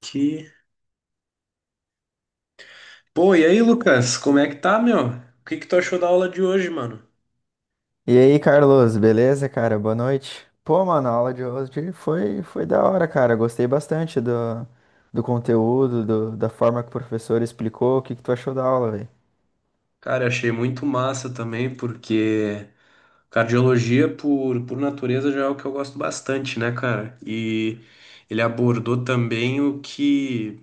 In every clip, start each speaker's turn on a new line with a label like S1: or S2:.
S1: Que... Pô, e aí, Lucas, como é que tá, meu? O que que tu achou da aula de hoje, mano?
S2: E aí, Carlos, beleza, cara? Boa noite. Pô, mano, a aula de hoje foi da hora, cara. Gostei bastante do conteúdo, da forma que o professor explicou. O que que tu achou da aula, velho?
S1: Cara, achei muito massa também, porque cardiologia, por natureza, já é o que eu gosto bastante, né, cara? E ele abordou também o que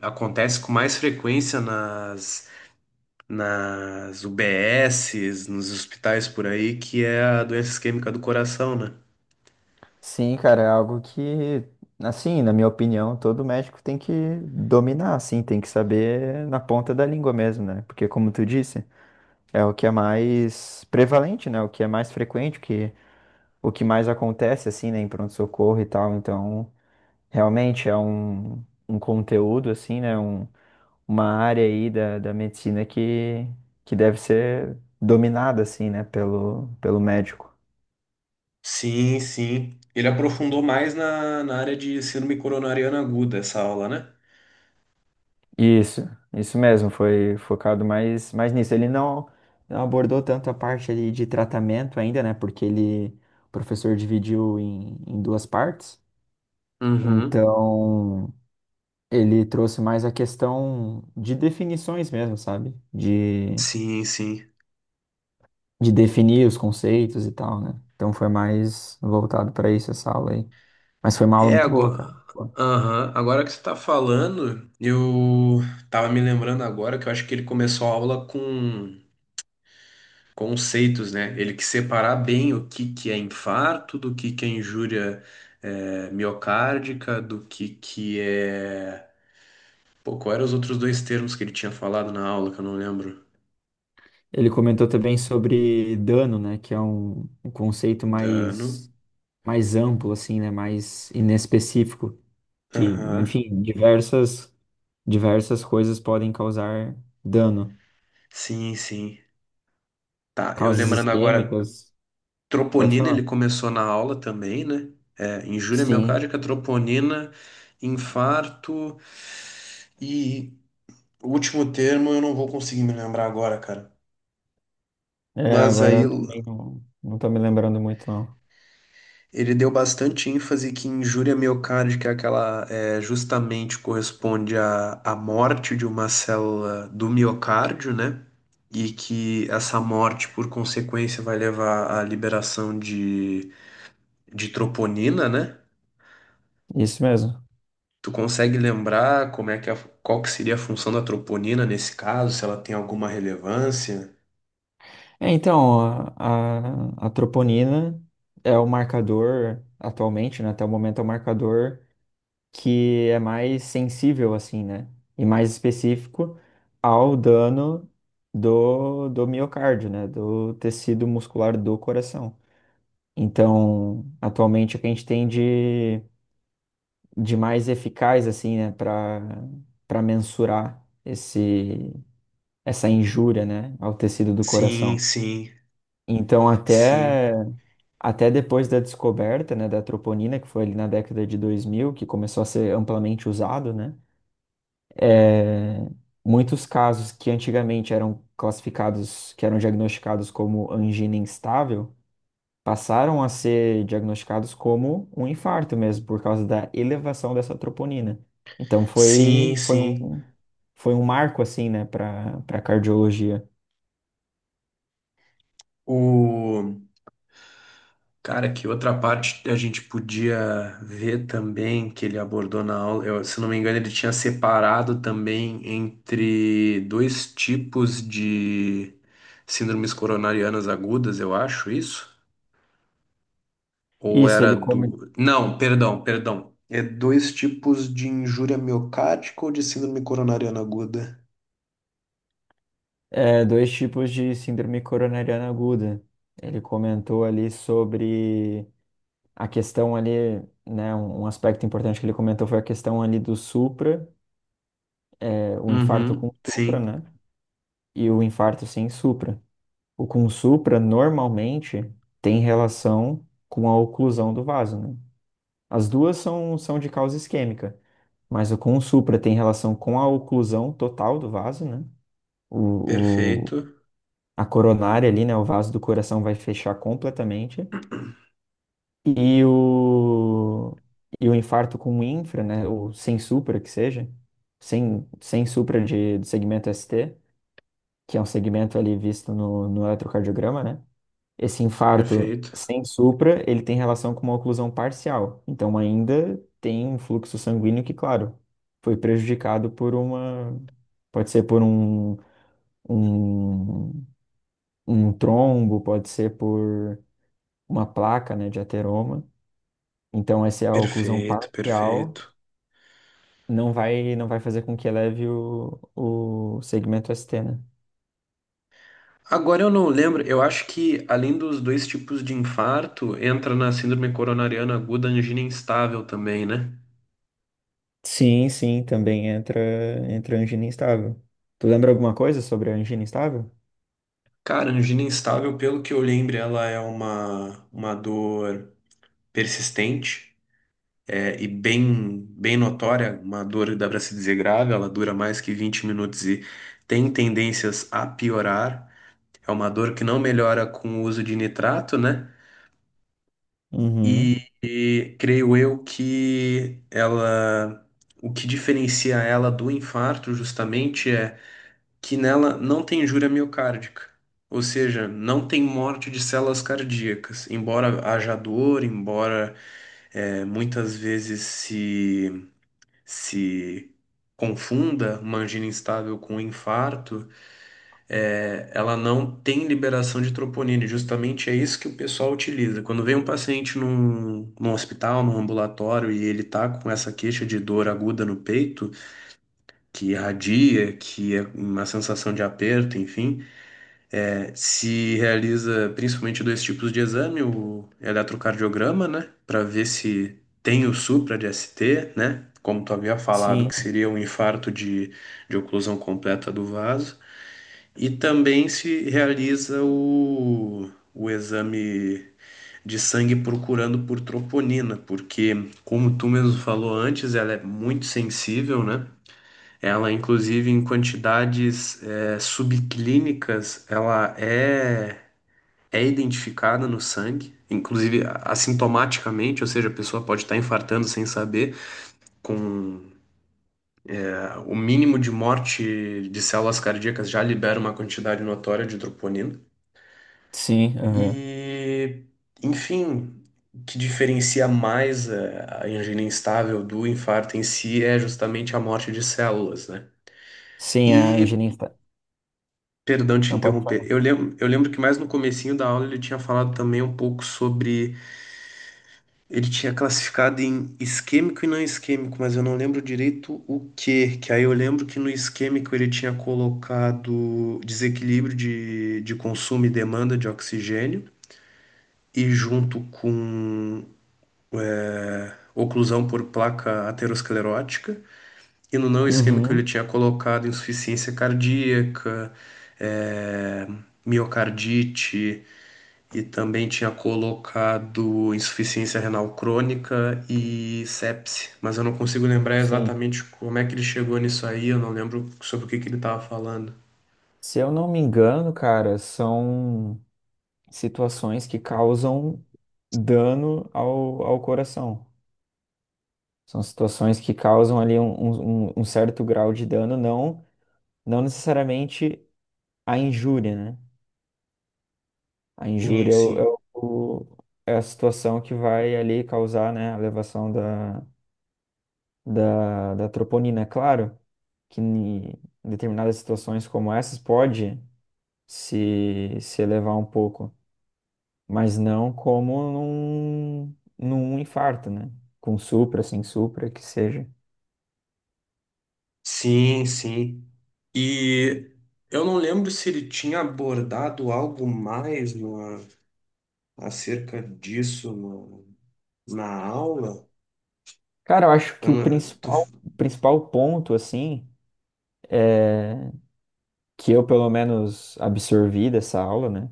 S1: acontece com mais frequência nas UBSs, nos hospitais por aí, que é a doença isquêmica do coração, né?
S2: Sim, cara, é algo que, assim, na minha opinião, todo médico tem que dominar, assim, tem que saber na ponta da língua mesmo, né? Porque, como tu disse, é o que é mais prevalente, né? O que é mais frequente, o que mais acontece, assim, né, em pronto-socorro e tal. Então, realmente é um conteúdo, assim, né? Uma área aí da medicina que deve ser dominada, assim, né? Pelo médico.
S1: Sim, sim. Ele aprofundou mais na área de síndrome coronariana aguda, essa aula, né?
S2: Isso, isso mesmo, foi focado mais nisso. Ele não abordou tanto a parte ali de tratamento ainda, né? Porque ele, o professor dividiu em duas partes.
S1: Uhum.
S2: Então, ele trouxe mais a questão de definições mesmo, sabe? De
S1: Sim, sim.
S2: de definir os conceitos e tal, né? Então foi mais voltado para isso essa aula aí. Mas foi uma aula
S1: É
S2: muito boa, cara.
S1: agora. Aham. Agora que você tá falando, eu tava me lembrando agora que eu acho que ele começou a aula com conceitos, né? Ele que separar bem o que que é infarto, do que é injúria miocárdica, do que é. Pô, qual eram os outros dois termos que ele tinha falado na aula que eu não lembro?
S2: Ele comentou também sobre dano, né? Que é um conceito
S1: Dano.
S2: mais amplo, assim, né? Mais inespecífico. Que,
S1: Aham.
S2: enfim, diversas coisas podem causar dano.
S1: Sim, sim. Tá, eu
S2: Causas
S1: lembrando agora.
S2: isquêmicas, pode
S1: Troponina
S2: falar.
S1: ele começou na aula também, né? É, injúria
S2: Sim.
S1: miocárdica, troponina, infarto e o último termo eu não vou conseguir me lembrar agora, cara.
S2: É,
S1: Mas
S2: agora
S1: aí
S2: eu também não tô me lembrando muito, não.
S1: ele deu bastante ênfase que injúria miocárdica é justamente corresponde à morte de uma célula do miocárdio, né? E que essa morte, por consequência, vai levar à liberação de troponina, né?
S2: Isso mesmo.
S1: Tu consegue lembrar como é que qual que seria a função da troponina nesse caso, se ela tem alguma relevância?
S2: É, então, a troponina é o marcador atualmente, né? Até o momento é o marcador que é mais sensível, assim, né? E mais específico ao dano do miocárdio, né? Do tecido muscular do coração. Então, atualmente, o que a gente tem de mais eficaz, assim, né? Para mensurar esse, essa injúria, né? Ao tecido do
S1: Sim,
S2: coração.
S1: sim,
S2: Então,
S1: sim,
S2: até depois da descoberta, né, da troponina, que foi ali na década de 2000 que começou a ser amplamente usado, né, é, muitos casos que antigamente eram classificados, que eram diagnosticados como angina instável, passaram a ser diagnosticados como um infarto mesmo, por causa da elevação dessa troponina. Então
S1: sim,
S2: foi, foi
S1: sim.
S2: um, foi um marco, assim, né, para cardiologia.
S1: O cara, que outra parte a gente podia ver também que ele abordou na aula, eu, se não me engano, ele tinha separado também entre dois tipos de síndromes coronarianas agudas, eu acho isso. Ou
S2: Isso,
S1: era do. Não, perdão, perdão. É dois tipos de injúria miocárdica ou de síndrome coronariana aguda?
S2: Dois tipos de síndrome coronariana aguda. Ele comentou ali sobre a questão ali, né? Um aspecto importante que ele comentou foi a questão ali do supra, o infarto com
S1: Uhum,
S2: supra,
S1: sim,
S2: né? E o infarto sem supra. O com supra normalmente tem relação com a oclusão do vaso, né? As duas são, de causa isquêmica, mas o com supra tem relação com a oclusão total do vaso, né? O,
S1: perfeito,
S2: a coronária ali, né? O vaso do coração vai fechar completamente. E o, e o infarto com infra, né? Ou sem supra, que seja, sem supra do segmento ST, que é um segmento ali visto no eletrocardiograma, né? Esse infarto
S1: perfeito,
S2: sem supra, ele tem relação com uma oclusão parcial. Então, ainda tem um fluxo sanguíneo que, claro, foi prejudicado por uma. Pode ser por um, um trombo, pode ser por uma placa, né, de ateroma. Então, essa é a oclusão
S1: perfeito,
S2: parcial
S1: perfeito.
S2: não vai fazer com que eleve o segmento ST, né?
S1: Agora eu não lembro, eu acho que além dos dois tipos de infarto, entra na síndrome coronariana aguda a angina instável também, né?
S2: Sim, sim, também entra, angina instável. Tu lembra alguma coisa sobre a angina instável?
S1: Cara, a angina instável, pelo que eu lembro, ela é uma dor persistente. É, e bem, bem notória, uma dor dá para se dizer grave, ela dura mais que 20 minutos e tem tendências a piorar. É uma dor que não melhora com o uso de nitrato, né?
S2: Uhum.
S1: E creio eu que ela, o que diferencia ela do infarto justamente é que nela não tem injúria miocárdica. Ou seja, não tem morte de células cardíacas, embora haja dor, embora muitas vezes se confunda uma angina instável com um infarto, ela não tem liberação de troponina. E justamente é isso que o pessoal utiliza. Quando vem um paciente num hospital, num ambulatório, e ele tá com essa queixa de dor aguda no peito, que irradia, que é uma sensação de aperto, enfim. É, se realiza principalmente dois tipos de exame, o eletrocardiograma, né, para ver se tem o supra de ST, né, como tu havia falado,
S2: Sim,
S1: que seria um infarto de oclusão completa do vaso, e também se realiza o exame de sangue procurando por troponina, porque, como tu mesmo falou antes, ela é muito sensível, né, ela, inclusive, em quantidades subclínicas, ela é identificada no sangue, inclusive assintomaticamente, ou seja, a pessoa pode estar infartando sem saber, com o mínimo de morte de células cardíacas já libera uma quantidade notória de troponina.
S2: sim, aham.
S1: E, enfim, o que diferencia mais a angina instável do infarto em si é justamente a morte de células, né?
S2: Sim, a angina
S1: E
S2: instável.
S1: perdão te
S2: Não, pode
S1: interromper.
S2: falar.
S1: Eu lembro que mais no comecinho da aula ele tinha falado também um pouco sobre ele tinha classificado em isquêmico e não isquêmico, mas eu não lembro direito o que. Que aí eu lembro que no isquêmico ele tinha colocado desequilíbrio de consumo e demanda de oxigênio, e junto com oclusão por placa aterosclerótica. E no não isquêmico ele
S2: Uhum.
S1: tinha colocado insuficiência cardíaca, eh, miocardite, e também tinha colocado insuficiência renal crônica e sepse, mas eu não consigo lembrar
S2: Sim.
S1: exatamente como é que ele chegou nisso aí, eu não lembro sobre o que que ele estava falando.
S2: Se eu não me engano, cara, são situações que causam dano ao coração. São situações que causam ali um certo grau de dano, não necessariamente a injúria, né? A
S1: Sim,
S2: injúria
S1: sim.
S2: é o- é a situação que vai ali causar, né, a elevação da troponina. É claro que em determinadas situações como essas pode se elevar um pouco, mas não como num infarto, né? Com supra, sem supra, que seja.
S1: Sim, sim. E eu não lembro se ele tinha abordado algo mais no, acerca disso no- na aula.
S2: Cara, eu acho que
S1: Eu
S2: o
S1: não, tô-
S2: principal, o principal ponto, assim, que eu pelo menos absorvi dessa aula, né,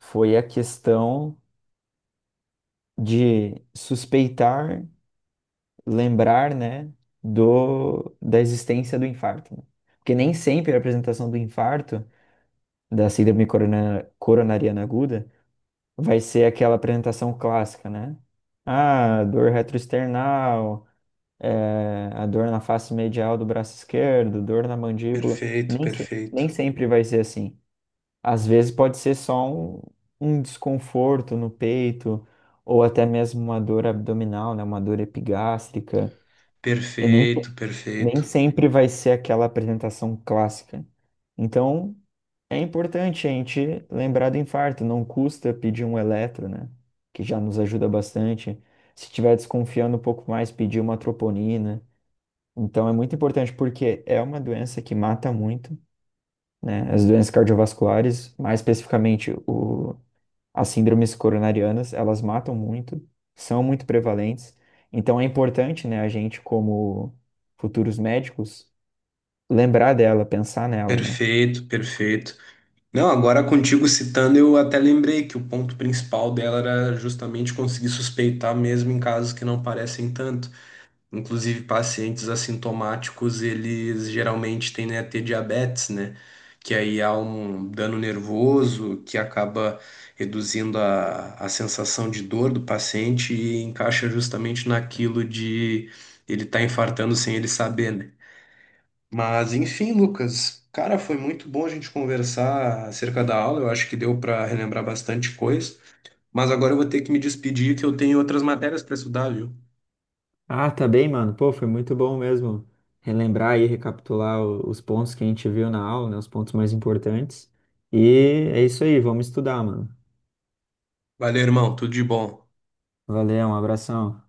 S2: foi a questão de suspeitar, lembrar, né, da existência do infarto, né? Porque nem sempre a apresentação do infarto, da síndrome coronariana aguda, vai ser aquela apresentação clássica, né? Ah, dor retroesternal, a dor na face medial do braço esquerdo, dor na mandíbula.
S1: perfeito,
S2: Nem
S1: perfeito.
S2: sempre vai ser assim. Às vezes pode ser só um desconforto no peito, ou até mesmo uma dor abdominal, né? Uma dor epigástrica. E nem,
S1: Perfeito,
S2: nem
S1: perfeito.
S2: sempre vai ser aquela apresentação clássica. Então, é importante a gente lembrar do infarto. Não custa pedir um eletro, né? Que já nos ajuda bastante. Se estiver desconfiando um pouco mais, pedir uma troponina. Então é muito importante porque é uma doença que mata muito, né? As doenças cardiovasculares, mais especificamente as síndromes coronarianas, elas matam muito, são muito prevalentes. Então é importante, né, a gente como futuros médicos lembrar dela, pensar nela, né?
S1: Perfeito, perfeito. Não, agora contigo citando, eu até lembrei que o ponto principal dela era justamente conseguir suspeitar mesmo em casos que não parecem tanto. Inclusive, pacientes assintomáticos, eles geralmente tendem a ter diabetes, né? Que aí há um dano nervoso que acaba reduzindo a sensação de dor do paciente e encaixa justamente naquilo de ele estar infartando sem ele saber, né? Mas enfim, Lucas, cara, foi muito bom a gente conversar acerca da aula. Eu acho que deu para relembrar bastante coisa. Mas agora eu vou ter que me despedir, que eu tenho outras matérias para estudar, viu?
S2: Ah, tá bem, mano. Pô, foi muito bom mesmo relembrar e recapitular os pontos que a gente viu na aula, né? Os pontos mais importantes. E é isso aí, vamos estudar, mano.
S1: Valeu, irmão. Tudo de bom.
S2: Valeu, um abração.